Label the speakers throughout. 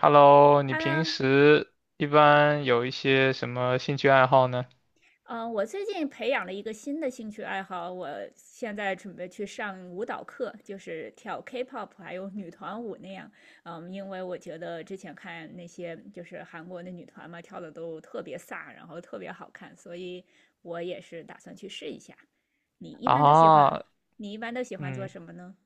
Speaker 1: Hello，你平
Speaker 2: Hello，
Speaker 1: 时一般有一些什么兴趣爱好呢？
Speaker 2: 我最近培养了一个新的兴趣爱好，我现在准备去上舞蹈课，就是跳 K-pop 还有女团舞那样。嗯，因为我觉得之前看那些就是韩国的女团嘛，跳的都特别飒，然后特别好看，所以我也是打算去试一下。你一般都喜欢，
Speaker 1: 啊，
Speaker 2: 你一般都喜欢做
Speaker 1: 嗯，
Speaker 2: 什么呢？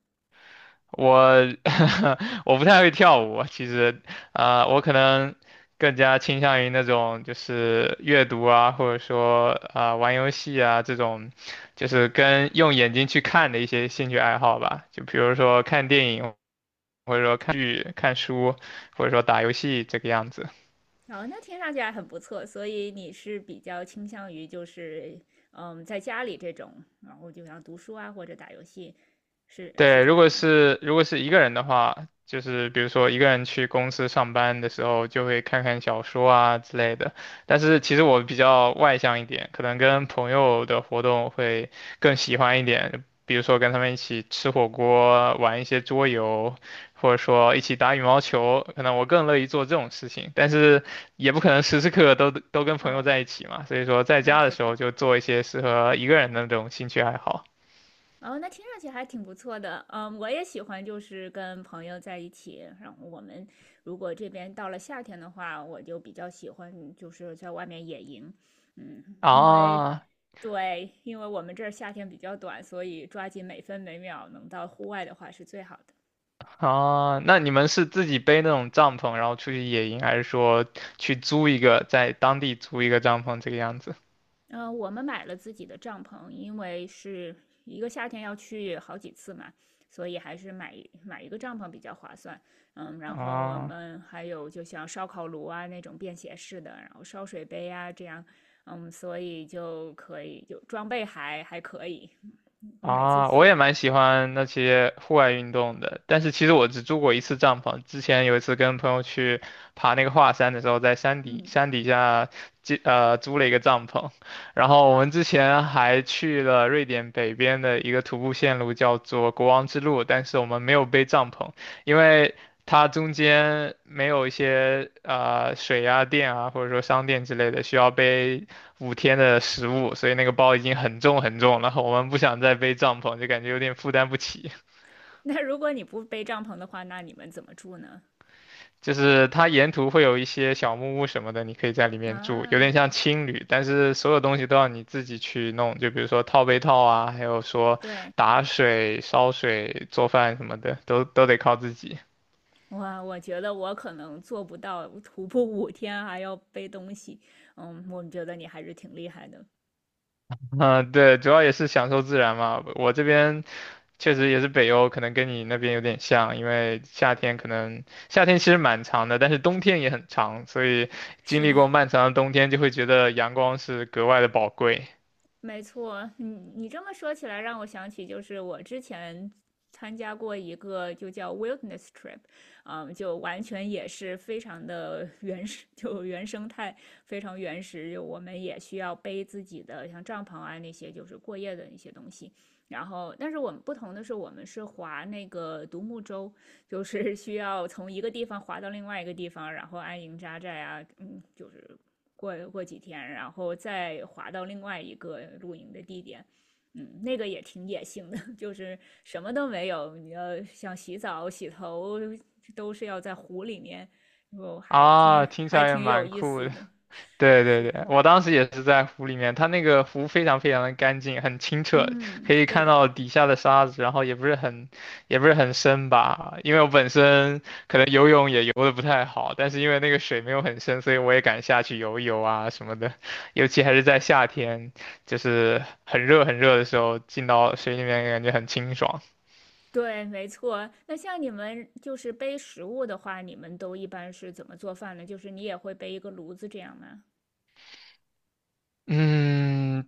Speaker 1: 我 我不太会跳舞，其实，我可能更加倾向于那种就是阅读啊，或者说玩游戏啊这种，就是跟用眼睛去看的一些兴趣爱好吧，就比如说看电影，或者说看剧、看书，或者说打游戏这个样子。
Speaker 2: 哦，那听上去还很不错，所以你是比较倾向于就是，嗯，在家里这种，然后就像读书啊或者打游戏，是
Speaker 1: 对，
Speaker 2: 这
Speaker 1: 如
Speaker 2: 样
Speaker 1: 果
Speaker 2: 吗？
Speaker 1: 是如果是一个人的话，就是比如说一个人去公司上班的时候，就会看看小说啊之类的。但是其实我比较外向一点，可能跟朋友的活动会更喜欢一点，比如说跟他们一起吃火锅、玩一些桌游，或者说一起打羽毛球，可能我更乐意做这种事情。但是也不可能时时刻刻都跟朋友
Speaker 2: 嗯，
Speaker 1: 在一起嘛，所以说在
Speaker 2: 那
Speaker 1: 家的
Speaker 2: 肯
Speaker 1: 时候
Speaker 2: 定。
Speaker 1: 就做一些适合一个人的那种兴趣爱好。
Speaker 2: 哦，那听上去还挺不错的。嗯，我也喜欢就是跟朋友在一起，然后我们如果这边到了夏天的话，我就比较喜欢就是在外面野营，嗯，因为。
Speaker 1: 啊，
Speaker 2: 对，因为我们这儿夏天比较短，所以抓紧每分每秒能到户外的话是最好的。
Speaker 1: 啊，那你们是自己背那种帐篷，然后出去野营，还是说去租一个，在当地租一个帐篷这个样子？
Speaker 2: 嗯，我们买了自己的帐篷，因为是一个夏天要去好几次嘛，所以还是买一个帐篷比较划算。嗯，然后我
Speaker 1: 啊，
Speaker 2: 们还有就像烧烤炉啊那种便携式的，然后烧水杯啊这样，嗯，所以就可以就装备还可以。我每次
Speaker 1: 啊，我也
Speaker 2: 去，
Speaker 1: 蛮喜欢那些户外运动的，但是其实我只住过一次帐篷。之前有一次跟朋友去爬那个华山的时候，在山底
Speaker 2: 嗯，
Speaker 1: 山底下租了一个帐篷，然后我们之前还去了瑞典北边的一个徒步线路，叫做国王之路，但是我们没有背帐篷，因为它中间没有一些水啊、电啊，或者说商店之类的需要背五天的食物，所以那个包已经很重很重了。我们不想再背帐篷，就感觉有点负担不起。
Speaker 2: 那如果你不背帐篷的话，那你们怎么住呢？
Speaker 1: 就是它沿途会有一些小木屋什么的，你可以在里面住，有
Speaker 2: 啊，
Speaker 1: 点像青旅，但是所有东西都要你自己去弄，就比如说套被套啊，还有说
Speaker 2: 对。
Speaker 1: 打水、烧水、做饭什么的，都得靠自己。
Speaker 2: 我我觉得我可能做不到徒步五天还要背东西，嗯，我觉得你还是挺厉害的。
Speaker 1: 嗯，对，主要也是享受自然嘛。我这边确实也是北欧，可能跟你那边有点像，因为夏天其实蛮长的，但是冬天也很长，所以经
Speaker 2: 是
Speaker 1: 历过
Speaker 2: 的，
Speaker 1: 漫长的冬天，就会觉得阳光是格外的宝贵
Speaker 2: 没错，你这么说起来，让我想起就是我之前参加过一个就叫 wilderness trip，嗯，就完全也是非常的 原始，就原生态，非常原始。就我们也需要背自己的像帐篷啊那些，就是过夜的一些东西。然后，但是我们不同的是，我们是划那个独木舟，就是需要从一个地方划到另外一个地方，然后安营扎寨啊，嗯，就是过几天，然后再滑到另外一个露营的地点。嗯，那个也挺野性的，就是什么都没有，你要想洗澡、洗头，都是要在湖里面，我还挺
Speaker 1: 啊。听起
Speaker 2: 还
Speaker 1: 来也
Speaker 2: 挺有
Speaker 1: 蛮
Speaker 2: 意
Speaker 1: 酷
Speaker 2: 思
Speaker 1: 的。
Speaker 2: 的。
Speaker 1: 对对
Speaker 2: 是
Speaker 1: 对，
Speaker 2: 的，
Speaker 1: 我当时也是在湖里面，它那个湖非常非常的干净，很清澈，
Speaker 2: 嗯，
Speaker 1: 可以
Speaker 2: 对
Speaker 1: 看
Speaker 2: 的，
Speaker 1: 到底下的沙子，也不是很深吧，因为我本身可能游泳也游的不太好，但是因为那个水没有很深，所以我也敢下去游一游啊什么的，尤其还是在夏天，就是很热很热的时候，进到水里面感觉很清爽。
Speaker 2: 对，没错。那像你们就是背食物的话，你们都一般是怎么做饭呢？就是你也会背一个炉子这样吗？
Speaker 1: 嗯，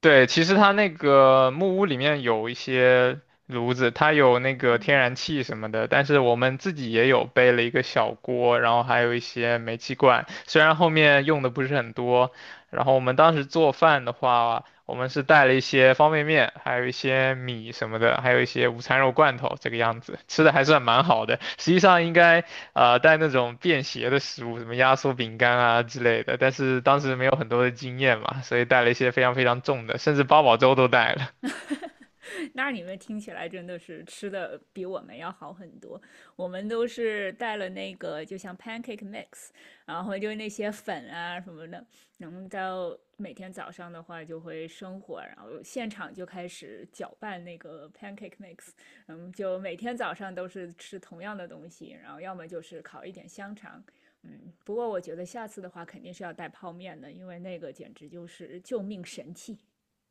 Speaker 1: 对，其实它那个木屋里面有一些炉子，它有那个天然气什么的，但是我们自己也有背了一个小锅，然后还有一些煤气罐，虽然后面用的不是很多。然后我们当时做饭的话，我们是带了一些方便面，还有一些米什么的，还有一些午餐肉罐头，这个样子，吃的还算蛮好的。实际上应该带那种便携的食物，什么压缩饼干啊之类的。但是当时没有很多的经验嘛，所以带了一些非常非常重的，甚至八宝粥都带了。
Speaker 2: 那你们听起来真的是吃的比我们要好很多。我们都是带了那个，就像 pancake mix，然后就那些粉啊什么的，然后到每天早上的话就会生火，然后现场就开始搅拌那个 pancake mix，嗯，就每天早上都是吃同样的东西，然后要么就是烤一点香肠，嗯，不过我觉得下次的话肯定是要带泡面的，因为那个简直就是救命神器。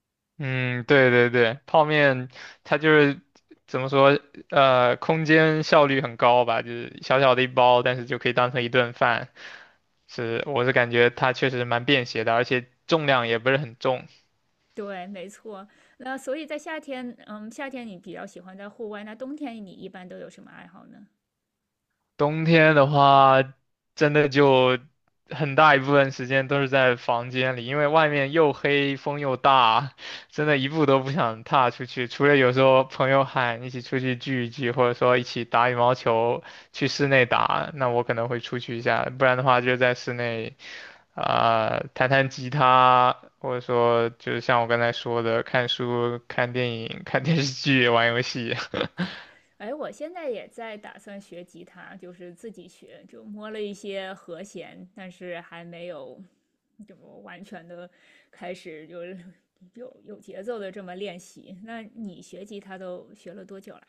Speaker 1: 嗯，对对对，泡面它就是怎么说，空间效率很高吧，就是小小的一包，但是就可以当成一顿饭。是，我是感觉它确实蛮便携的，而且重量也不是很重。
Speaker 2: 对，没错。那所以在夏天，嗯，夏天你比较喜欢在户外，那冬天你一般都有什么爱好呢？
Speaker 1: 冬天的话，真的就很大一部分时间都是在房间里，因为外面又黑，风又大，真的一步都不想踏出去。除了有时候朋友喊一起出去聚一聚，或者说一起打羽毛球，去室内打，那我可能会出去一下，不然的话就在室内，弹弹吉他，或者说就是像我刚才说的，看书、看电影、看电视剧、玩游戏。
Speaker 2: 哎，我现在也在打算学吉他，就是自己学，就摸了一些和弦，但是还没有就完全的开始就是有节奏的这么练习。那你学吉他都学了多久了？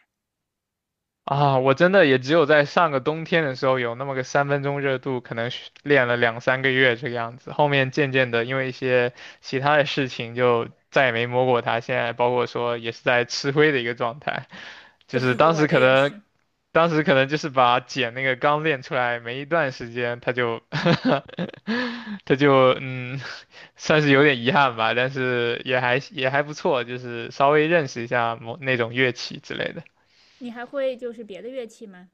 Speaker 1: 啊，我真的也只有在上个冬天的时候有那么个三分钟热度，可能是练了两三个月这个样子。后面渐渐的，因为一些其他的事情，就再也没摸过它。现在包括说也是在吃灰的一个状态，就是
Speaker 2: 对，
Speaker 1: 当
Speaker 2: 我
Speaker 1: 时可
Speaker 2: 的也
Speaker 1: 能，
Speaker 2: 是。
Speaker 1: 当时可能就是把茧那个刚练出来没一段时间，它就算是有点遗憾吧，但是也还不错，就是稍微认识一下某那种乐器之类的。
Speaker 2: 你还会就是别的乐器吗？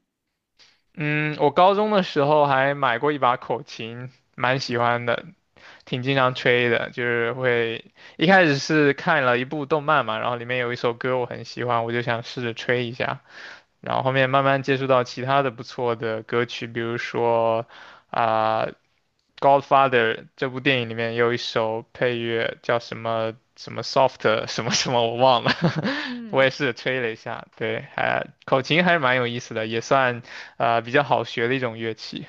Speaker 1: 嗯，我高中的时候还买过一把口琴，蛮喜欢的，挺经常吹的。就是会一开始是看了一部动漫嘛，然后里面有一首歌我很喜欢，我就想试着吹一下。然后后面慢慢接触到其他的不错的歌曲，比如说啊，Godfather》这部电影里面有一首配乐叫什么什么 Soft 什么什么，我忘了，我
Speaker 2: 嗯，
Speaker 1: 也是吹了一下，对，还口琴还是蛮有意思的，也算啊比较好学的一种乐器。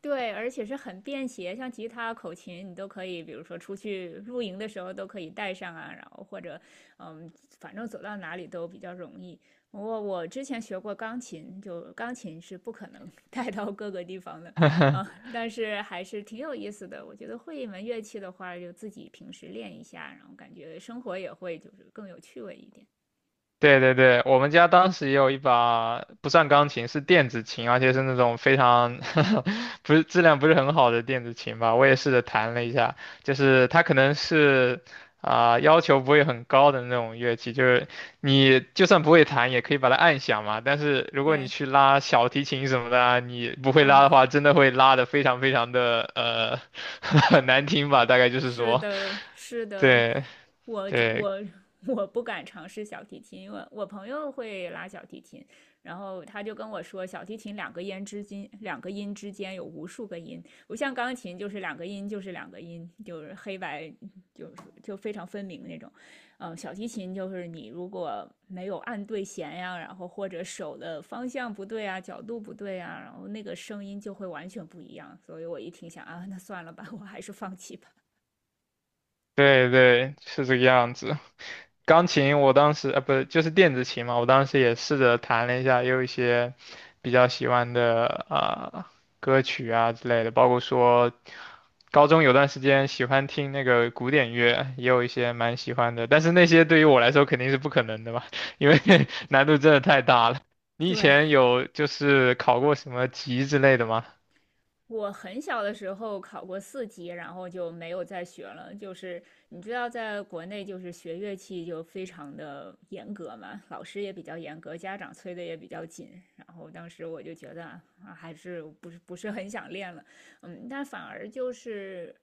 Speaker 2: 对，而且是很便携，像吉他、口琴，你都可以，比如说出去露营的时候都可以带上啊，然后或者，嗯，反正走到哪里都比较容易。我之前学过钢琴，就钢琴是不可能 带到各个地方的，啊，但是还是挺有意思的。我觉得会一门乐器的话，就自己平时练一下，然后感觉生活也会就是更有趣味一点。
Speaker 1: 对对对，我们家当时也有一把不算钢琴，是电子琴，而且是那种非常 不是质量不是很好的电子琴吧。我也试着弹了一下，就是它可能是要求不会很高的那种乐器，就是你就算不会弹也可以把它按响嘛。但是如果你
Speaker 2: 对，
Speaker 1: 去拉小提琴什么的啊你不会拉
Speaker 2: 嗯。
Speaker 1: 的话，真的会拉的非常非常的很难听吧，大概就是
Speaker 2: 是
Speaker 1: 说，
Speaker 2: 的，是的，
Speaker 1: 对
Speaker 2: 我
Speaker 1: 对
Speaker 2: 我我不敢尝试小提琴，因为我朋友会拉小提琴，然后他就跟我说，小提琴两个音之间，两个音之间有无数个音，不像钢琴就是两个音就是两个音，就是黑白就是就非常分明那种，嗯，小提琴就是你如果没有按对弦呀，然后或者手的方向不对啊，角度不对啊，然后那个声音就会完全不一样，所以我一听想啊，那算了吧，我还是放弃吧。
Speaker 1: 对对，是这个样子。钢琴我当时啊，不是就是电子琴嘛，我当时也试着弹了一下，也有一些比较喜欢的歌曲啊之类的，包括说高中有段时间喜欢听那个古典乐，也有一些蛮喜欢的，但是那些对于我来说肯定是不可能的嘛，因为难度真的太大了。你以
Speaker 2: 对，
Speaker 1: 前有就是考过什么级之类的吗？
Speaker 2: 我很小的时候考过四级，然后就没有再学了。就是你知道，在国内就是学乐器就非常的严格嘛，老师也比较严格，家长催的也比较紧。然后当时我就觉得啊，还是不是很想练了，嗯，但反而就是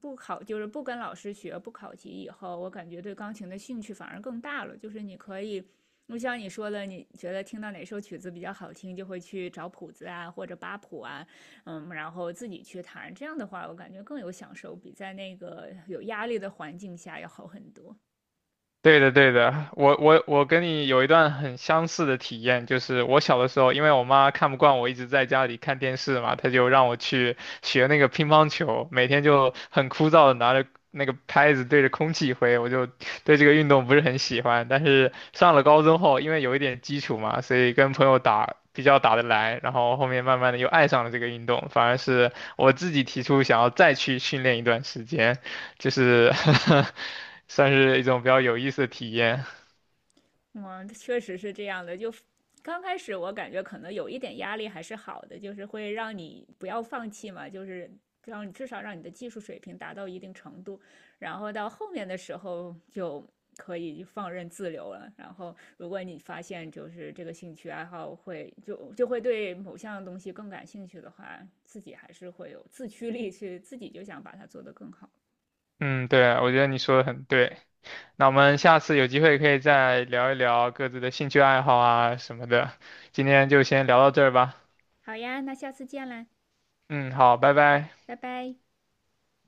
Speaker 2: 不考，就是不跟老师学，不考级以后，我感觉对钢琴的兴趣反而更大了。就是你可以。就像你说的，你觉得听到哪首曲子比较好听，就会去找谱子啊，或者扒谱啊，嗯，然后自己去谈这样的话我感觉更有享受，比在那个有压力的环境下要好很多。
Speaker 1: 对的，对的，我跟你有一段很相似的体验，就是我小的时候，因为我妈看不惯我一直在家里看电视嘛，她就让我去学那个乒乓球，每天就很枯燥的拿着那个拍子对着空气挥，我就对这个运动不是很喜欢。但是上了高中后，因为有一点基础嘛，所以跟朋友打比较打得来，然后后面慢慢的又爱上了这个运动，反而是我自己提出想要再去训练一段时间。就是 算是一种比较有意思的体验。
Speaker 2: 嗯，确实是这样的。就刚开始我感觉可能有一点压力还是好的，就是会让你不要放弃嘛，就是让你至少让你的技术水平达到一定程度，然后到后面的时候就可以放任自流了。然后如果你发现就是这个兴趣爱好会就会对某项东西更感兴趣的话，自己还是会有自驱力去自己就想把它做得更好。
Speaker 1: 嗯，对，我觉得你说的很对。那我们下次有机会可以再聊一聊各自的兴趣爱好啊什么的。今天就先聊到这儿吧。
Speaker 2: 好呀，那下次见啦，
Speaker 1: 嗯，好，拜拜。
Speaker 2: 拜拜。